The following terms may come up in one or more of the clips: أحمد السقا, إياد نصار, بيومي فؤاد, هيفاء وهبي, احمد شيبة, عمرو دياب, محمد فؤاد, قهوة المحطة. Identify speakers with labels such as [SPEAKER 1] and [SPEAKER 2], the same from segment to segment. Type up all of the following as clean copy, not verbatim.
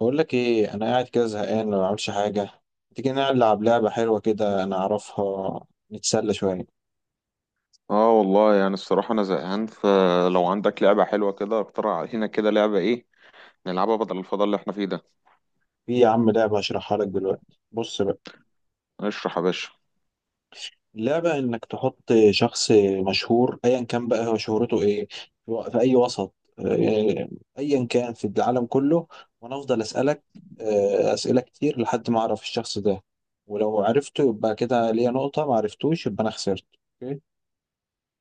[SPEAKER 1] بقول لك ايه، انا قاعد كده زهقان ما بعملش حاجه. تيجي نلعب لعبه حلوه كده انا اعرفها، نتسلى شويه.
[SPEAKER 2] اه والله، يعني الصراحة أنا زهقان. فلو عندك لعبة حلوة كده اقترح علينا كده لعبة إيه نلعبها بدل الفضاء اللي إحنا فيه ده.
[SPEAKER 1] في يا عم لعبه هشرحها لك دلوقتي، بص بقى.
[SPEAKER 2] اشرح يا باشا.
[SPEAKER 1] اللعبه انك تحط شخص مشهور ايا كان بقى هو شهرته ايه، في اي وسط، ايا كان في العالم كله، وانا افضل اسالك اسئله كتير لحد ما اعرف الشخص ده. ولو عرفته يبقى كده ليا نقطه، ما عرفتوش يبقى انا خسرت. أوكي؟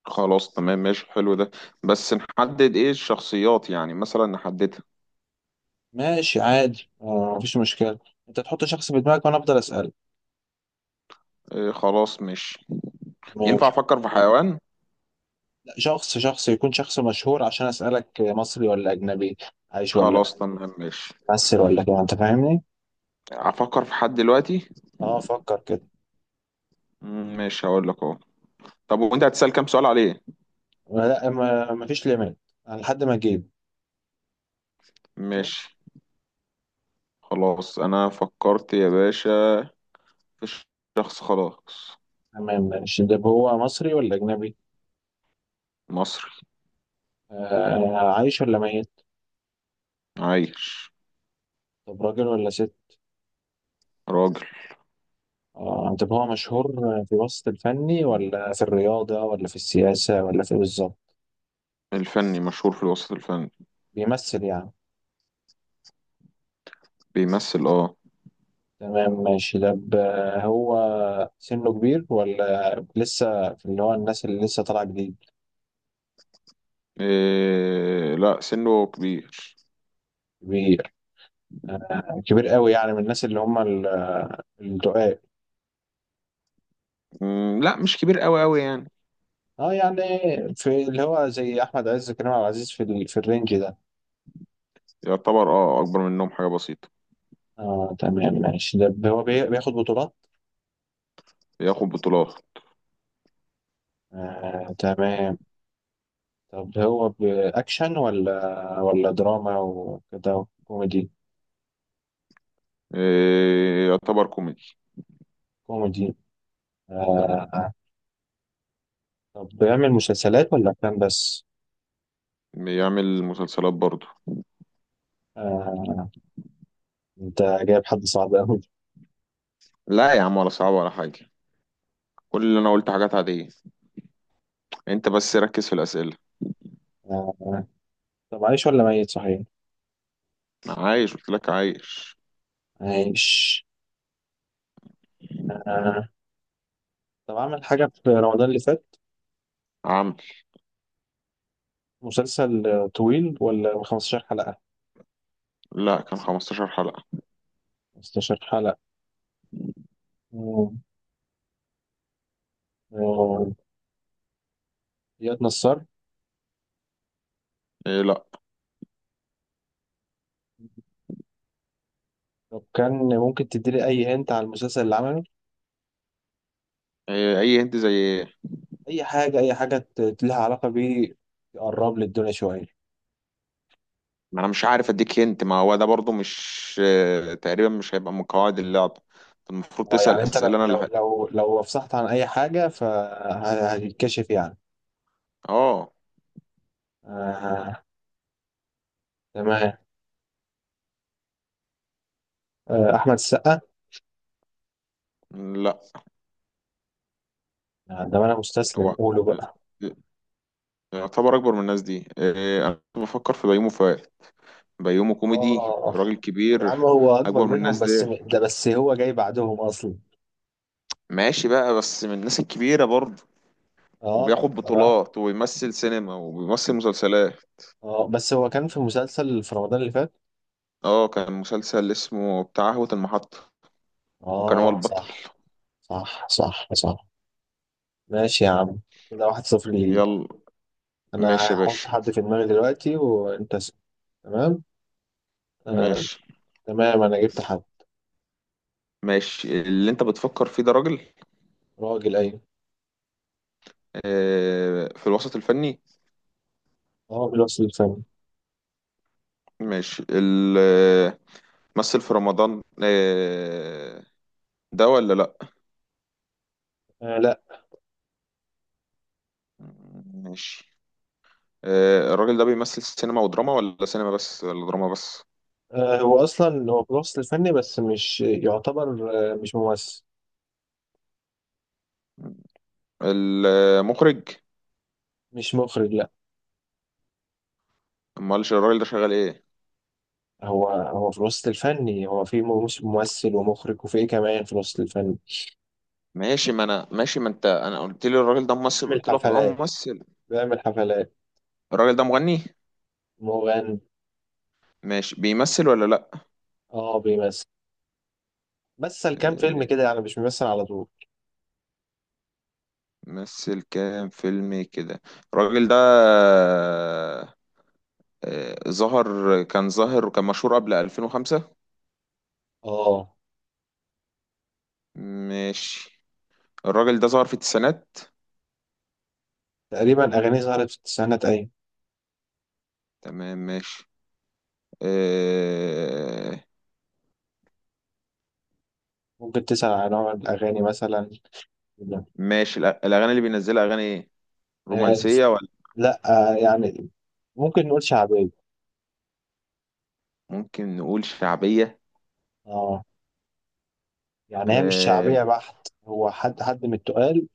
[SPEAKER 2] خلاص تمام ماشي، حلو ده. بس نحدد إيه الشخصيات، يعني مثلا نحددها.
[SPEAKER 1] ماشي عادي، مفيش مشكله. انت تحط شخص في دماغك وانا افضل اسالك.
[SPEAKER 2] إيه خلاص ماشي. ينفع
[SPEAKER 1] ماشي.
[SPEAKER 2] أفكر في حيوان؟
[SPEAKER 1] لا، شخص يكون شخص مشهور. عشان أسألك، مصري ولا أجنبي؟ عايش ولا؟
[SPEAKER 2] خلاص تمام ماشي.
[SPEAKER 1] ممثل ولا كده، أنت فاهمني؟
[SPEAKER 2] أفكر في حد دلوقتي.
[SPEAKER 1] أه، فكر كده.
[SPEAKER 2] ماشي هقول لك أهو. طب وأنت هتسأل كام سؤال عليه؟
[SPEAKER 1] لا، ما مفيش ليميت، لحد ما أجيب. أوكي؟
[SPEAKER 2] ماشي. خلاص أنا فكرت يا باشا، في شخص خلاص.
[SPEAKER 1] تمام ماشي. ده هو مصري ولا أجنبي؟
[SPEAKER 2] مصري.
[SPEAKER 1] آه، عايش ولا ميت؟
[SPEAKER 2] عايش.
[SPEAKER 1] طب راجل ولا ست؟
[SPEAKER 2] راجل.
[SPEAKER 1] آه، طب هو مشهور في الوسط الفني، ولا في الرياضة، ولا في السياسة، ولا في إيه بالظبط؟
[SPEAKER 2] الفني، مشهور في الوسط الفني.
[SPEAKER 1] بيمثل يعني.
[SPEAKER 2] بيمثل اه.
[SPEAKER 1] تمام ماشي. طب هو سنه كبير، ولا لسه في اللي هو الناس اللي لسه طالعة جديد؟
[SPEAKER 2] إيه لا، سنه كبير.
[SPEAKER 1] كبير. كبير قوي، يعني من الناس اللي هم الرقاق.
[SPEAKER 2] لا مش كبير قوي قوي يعني.
[SPEAKER 1] اه يعني، في اللي هو زي احمد عز، كريم عبد العزيز، في في الرينج ده.
[SPEAKER 2] يعتبر اه، اكبر منهم حاجة بسيطة.
[SPEAKER 1] اه تمام ماشي. ده هو بياخد بطولات.
[SPEAKER 2] ياخد بطولات.
[SPEAKER 1] آه تمام. طب هو باكشن ولا ولا دراما وكده، كوميدي؟
[SPEAKER 2] إيه، يعتبر كوميدي.
[SPEAKER 1] كوميدي. آه. طب بيعمل مسلسلات ولا افلام بس؟
[SPEAKER 2] بيعمل مسلسلات برضه.
[SPEAKER 1] آه، انت جايب حد صعب قوي.
[SPEAKER 2] لا يا عم، ولا صعب ولا حاجة. كل اللي انا قلت حاجات عادية. انت بس ركز في الأسئلة.
[SPEAKER 1] آه، طب عايش ولا ميت، صحيح؟
[SPEAKER 2] عايش، قلت لك عايش.
[SPEAKER 1] عايش. آه، طب عمل حاجة في رمضان اللي فات؟
[SPEAKER 2] عمل.
[SPEAKER 1] مسلسل طويل ولا 15 حلقة؟
[SPEAKER 2] لا كان 15 حلقة.
[SPEAKER 1] 15 حلقة. مم. آه، إياد نصار.
[SPEAKER 2] إيه لا.
[SPEAKER 1] لو كان ممكن تديلي أي هنت على المسلسل اللي عمله،
[SPEAKER 2] إيه، اي انت زي ايه؟
[SPEAKER 1] أي حاجة، أي حاجة لها علاقة بيه، تقرب لي الدنيا شوية.
[SPEAKER 2] ما انا مش عارف اديك هنت، ما هو ده برضو مش تقريبا مش هيبقى من قواعد اللعبة. المفروض
[SPEAKER 1] آه،
[SPEAKER 2] تسأل
[SPEAKER 1] يعني أنت لو
[SPEAKER 2] اسئلة انا اللي
[SPEAKER 1] لو
[SPEAKER 2] ه...
[SPEAKER 1] لو لو افصحت عن أي حاجة فهتتكشف يعني.
[SPEAKER 2] اه
[SPEAKER 1] آه، تمام. آه، أحمد السقا.
[SPEAKER 2] لا،
[SPEAKER 1] آه، ده أنا مستسلم،
[SPEAKER 2] هو
[SPEAKER 1] قوله بقى.
[SPEAKER 2] يعتبر اكبر من الناس دي. إيه، انا كنت بفكر في بيومي فؤاد. بيومي كوميدي،
[SPEAKER 1] آه
[SPEAKER 2] راجل
[SPEAKER 1] يا عم،
[SPEAKER 2] كبير.
[SPEAKER 1] هو أكبر
[SPEAKER 2] اكبر من
[SPEAKER 1] منهم
[SPEAKER 2] الناس دي.
[SPEAKER 1] بس ده، بس هو جاي بعدهم أصلا.
[SPEAKER 2] ماشي بقى، بس من الناس الكبيرة برضو.
[SPEAKER 1] آه
[SPEAKER 2] وبياخد
[SPEAKER 1] صراحة.
[SPEAKER 2] بطولات وبيمثل سينما وبيمثل مسلسلات.
[SPEAKER 1] اه بس هو كان في مسلسل في رمضان اللي فات.
[SPEAKER 2] اه كان مسلسل اسمه بتاع قهوة المحطة. وكان هو
[SPEAKER 1] اه،
[SPEAKER 2] البطل.
[SPEAKER 1] صح صح صح. صح ماشي يا عم. كده واحد صفر ليه.
[SPEAKER 2] يلا. ماشي
[SPEAKER 1] انا
[SPEAKER 2] يا
[SPEAKER 1] هحط
[SPEAKER 2] باشا.
[SPEAKER 1] حد في دماغي دلوقتي وانت اسم. تمام. آه.
[SPEAKER 2] ماشي.
[SPEAKER 1] تمام، انا جبت حد.
[SPEAKER 2] ماشي، اللي انت بتفكر فيه ده راجل؟
[SPEAKER 1] راجل ايوه.
[SPEAKER 2] آه، في الوسط الفني؟
[SPEAKER 1] هو بالوصف الفني.
[SPEAKER 2] ماشي مثل في رمضان ده ولا لا؟
[SPEAKER 1] آه لا.
[SPEAKER 2] ماشي. الراجل ده بيمثل سينما ودراما، ولا سينما بس، ولا دراما بس؟
[SPEAKER 1] آه، هو اصلا هو بالوصف الفني بس مش يعتبر، آه مش ممثل.
[SPEAKER 2] المخرج؟
[SPEAKER 1] مش مخرج لا.
[SPEAKER 2] امال الراجل ده شغال ايه؟
[SPEAKER 1] هو في الوسط الفني، هو في ممثل ومخرج وفي ايه كمان في الوسط الفني.
[SPEAKER 2] ماشي ما انا ماشي، ما انت انا قلت لي الراجل ده ممثل،
[SPEAKER 1] بيعمل
[SPEAKER 2] قلت لك اه
[SPEAKER 1] حفلات.
[SPEAKER 2] ممثل.
[SPEAKER 1] بيعمل حفلات.
[SPEAKER 2] الراجل ده مغني؟
[SPEAKER 1] مغني.
[SPEAKER 2] ماشي، بيمثل ولا لا؟
[SPEAKER 1] اه بيمثل. مثل كام فيلم
[SPEAKER 2] آه،
[SPEAKER 1] كده يعني، مش بيمثل على طول.
[SPEAKER 2] مثل كام فيلم كده. الراجل ده ظهر، كان ظاهر وكان مشهور قبل 2005.
[SPEAKER 1] اه.
[SPEAKER 2] ماشي. الراجل ده ظهر في التسعينات؟
[SPEAKER 1] تقريبا اغانيه ظهرت في التسعينات، ايوه.
[SPEAKER 2] تمام ماشي. آه،
[SPEAKER 1] ممكن تسأل عن نوع الاغاني مثلا.
[SPEAKER 2] ماشي الأغاني اللي بينزلها أغاني إيه؟
[SPEAKER 1] آه.
[SPEAKER 2] رومانسية ولا؟
[SPEAKER 1] لا. آه يعني، ممكن نقول شعبيه.
[SPEAKER 2] ممكن نقول شعبية.
[SPEAKER 1] اه يعني، هي مش
[SPEAKER 2] آه،
[SPEAKER 1] شعبيه بحت، هو حد من التقال،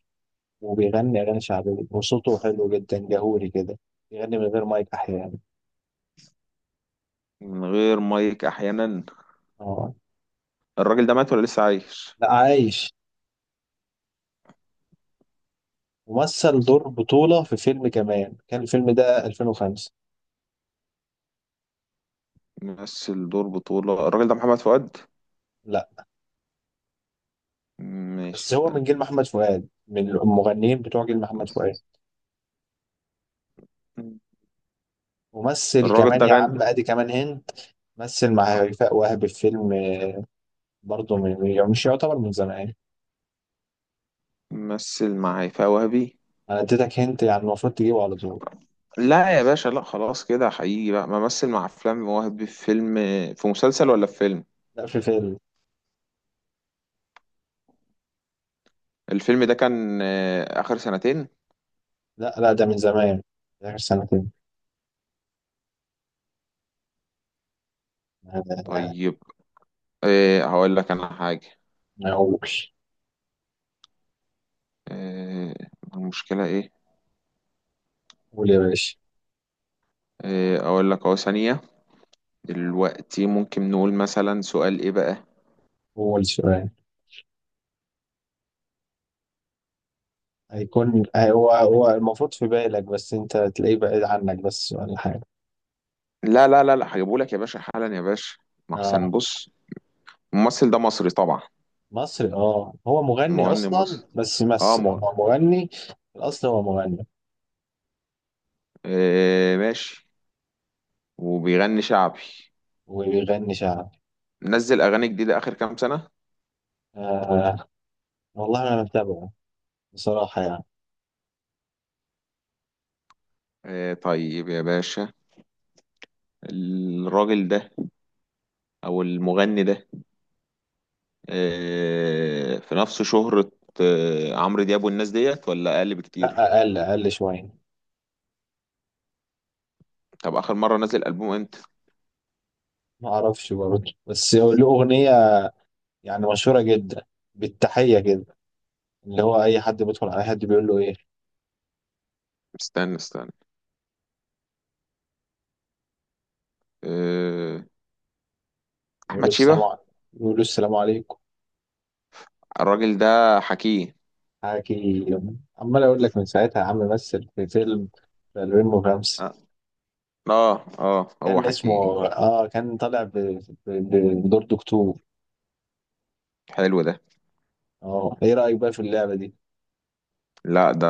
[SPEAKER 1] وبيغني اغاني شعبيه وصوته حلو جدا، جهوري كده. بيغني من غير مايك احيانا.
[SPEAKER 2] من غير مايك أحيانا.
[SPEAKER 1] اه.
[SPEAKER 2] الراجل ده مات ولا لسه عايش؟
[SPEAKER 1] لا عايش. ومثل دور بطوله في فيلم كمان، كان الفيلم ده 2005.
[SPEAKER 2] مثل دور بطولة. الراجل ده محمد فؤاد؟
[SPEAKER 1] لا،
[SPEAKER 2] ماشي
[SPEAKER 1] بس هو
[SPEAKER 2] استنى.
[SPEAKER 1] من جيل محمد فؤاد، من المغنيين بتوع جيل محمد
[SPEAKER 2] بس.
[SPEAKER 1] فؤاد. ممثل
[SPEAKER 2] الراجل
[SPEAKER 1] كمان
[SPEAKER 2] ده
[SPEAKER 1] يا عم،
[SPEAKER 2] غني.
[SPEAKER 1] ادي كمان هند. مثل مع هيفاء وهبي في فيلم، برضه من، يعني مش يعتبر من زمان.
[SPEAKER 2] مثل مع هيفاء وهبي.
[SPEAKER 1] انا اديتك هنت، يعني المفروض تجيبه على طول.
[SPEAKER 2] لا يا باشا لا، خلاص كده حقيقي بقى، بمثل مع افلام مواهب في فيلم. في مسلسل ولا في فيلم؟
[SPEAKER 1] لا، في فيلم.
[SPEAKER 2] الفيلم ده كان اخر سنتين؟
[SPEAKER 1] لا لا، ده من زمان. ده اخر سنتين.
[SPEAKER 2] طيب. هقول لك انا حاجه.
[SPEAKER 1] انا اقول.
[SPEAKER 2] آه، المشكله ايه؟
[SPEAKER 1] قول يا باشا.
[SPEAKER 2] اقول لك اهو ثانيه. دلوقتي ممكن نقول مثلا سؤال ايه بقى؟
[SPEAKER 1] قول سؤال. هيكون هو المفروض في بالك، بس انت تلاقيه بعيد عنك بس ولا حاجه.
[SPEAKER 2] لا لا لا لا، هجيبه لك يا باشا حالا يا باشا. ما احسن،
[SPEAKER 1] اه.
[SPEAKER 2] بص. الممثل ده مصري طبعا؟
[SPEAKER 1] مصري اه، هو مغني
[SPEAKER 2] مغني مصري
[SPEAKER 1] اصلا
[SPEAKER 2] مصري.
[SPEAKER 1] بس
[SPEAKER 2] اه
[SPEAKER 1] يمثل،
[SPEAKER 2] مغ...
[SPEAKER 1] هو مغني. في الاصل هو مغني.
[SPEAKER 2] ماشي. وبيغني شعبي.
[SPEAKER 1] وبيغني شعبي.
[SPEAKER 2] نزل اغاني جديده اخر كام سنه؟
[SPEAKER 1] آه والله انا متابعه بصراحة يعني.
[SPEAKER 2] طيب يا باشا. الراجل ده، او المغني ده، في نفس شهرة عمرو دياب والناس ديت، ولا اقل بكتير؟
[SPEAKER 1] لا، أقل، أقل شوية.
[SPEAKER 2] طب اخر مرة نزل البوم امتى؟
[SPEAKER 1] ما أعرفش برضه، بس له أغنية يعني مشهورة جدا، بالتحية كده، اللي هو أي حد بيدخل على حد بيقول له إيه.
[SPEAKER 2] استنى استنى. آه.
[SPEAKER 1] بيقول له
[SPEAKER 2] احمد
[SPEAKER 1] السلام
[SPEAKER 2] شيبة.
[SPEAKER 1] عليكم. بيقول له السلام عليكم.
[SPEAKER 2] الراجل ده حكيه؟
[SPEAKER 1] حكي. عمال أقول لك من ساعتها يا عم، مثل في فيلم في 2005،
[SPEAKER 2] اه اه. هو
[SPEAKER 1] كان
[SPEAKER 2] حكيه.
[SPEAKER 1] اسمه آه، كان طالع بدور دكتور.
[SPEAKER 2] حلو ده.
[SPEAKER 1] آه، إيه رأيك بقى في اللعبة دي؟
[SPEAKER 2] لا ده.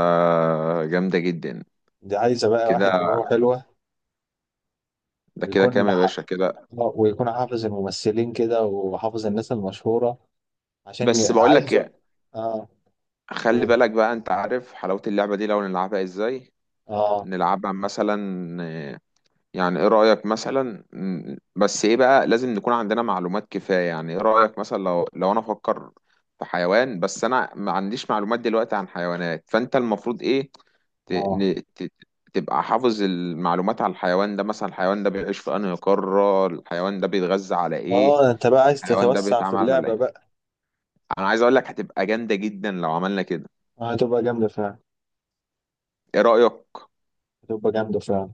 [SPEAKER 2] جامدة جدا.
[SPEAKER 1] دي عايزة بقى
[SPEAKER 2] كده.
[SPEAKER 1] واحد دماغه حلوة
[SPEAKER 2] ده كده كام
[SPEAKER 1] ويكون
[SPEAKER 2] يا
[SPEAKER 1] ح-
[SPEAKER 2] باشا كده؟
[SPEAKER 1] ويكون حافظ الممثلين كده وحافظ الناس المشهورة عشان
[SPEAKER 2] بس بقول لك
[SPEAKER 1] عايز
[SPEAKER 2] إيه،
[SPEAKER 1] اه.
[SPEAKER 2] خلي
[SPEAKER 1] أوه.
[SPEAKER 2] بالك بقى، انت عارف حلاوة اللعبة دي لو نلعبها ازاي؟
[SPEAKER 1] اه
[SPEAKER 2] نلعبها مثلا. آه، يعني ايه رأيك مثلا بس ايه بقى لازم نكون عندنا معلومات كفاية، يعني ايه رأيك مثلا لو انا افكر في حيوان، بس انا ما عنديش معلومات دلوقتي عن حيوانات، فانت المفروض ايه ت...
[SPEAKER 1] اه
[SPEAKER 2] ن... ت... تبقى حافظ المعلومات على الحيوان ده، مثلا الحيوان ده بيعيش في انهي قارة، الحيوان ده بيتغذى على ايه.
[SPEAKER 1] اه، انت بقى عايز
[SPEAKER 2] الحيوان ده
[SPEAKER 1] تتوسع في
[SPEAKER 2] بيتعامل على
[SPEAKER 1] اللعبة
[SPEAKER 2] ايه.
[SPEAKER 1] بقى.
[SPEAKER 2] انا عايز اقول لك هتبقى جامدة جدا لو عملنا كده.
[SPEAKER 1] آه هتبقى جامدة فعلا.
[SPEAKER 2] ايه رأيك؟
[SPEAKER 1] هتبقى جامدة فعلا.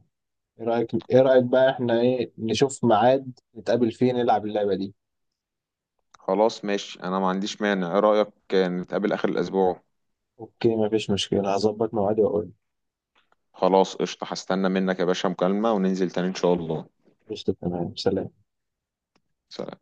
[SPEAKER 1] ايه رأيك ايه رأيك بقى، احنا ايه نشوف ميعاد نتقابل فيه نلعب اللعبة دي.
[SPEAKER 2] خلاص ماشي، انا ما عنديش مانع، ايه رأيك نتقابل اخر الاسبوع؟
[SPEAKER 1] اوكي مفيش مشكلة، هظبط ميعادي واقول.
[SPEAKER 2] خلاص قشطة، هستنى منك يا باشا مكالمة، وننزل تاني إن شاء الله.
[SPEAKER 1] قشطة تمام، سلام.
[SPEAKER 2] سلام.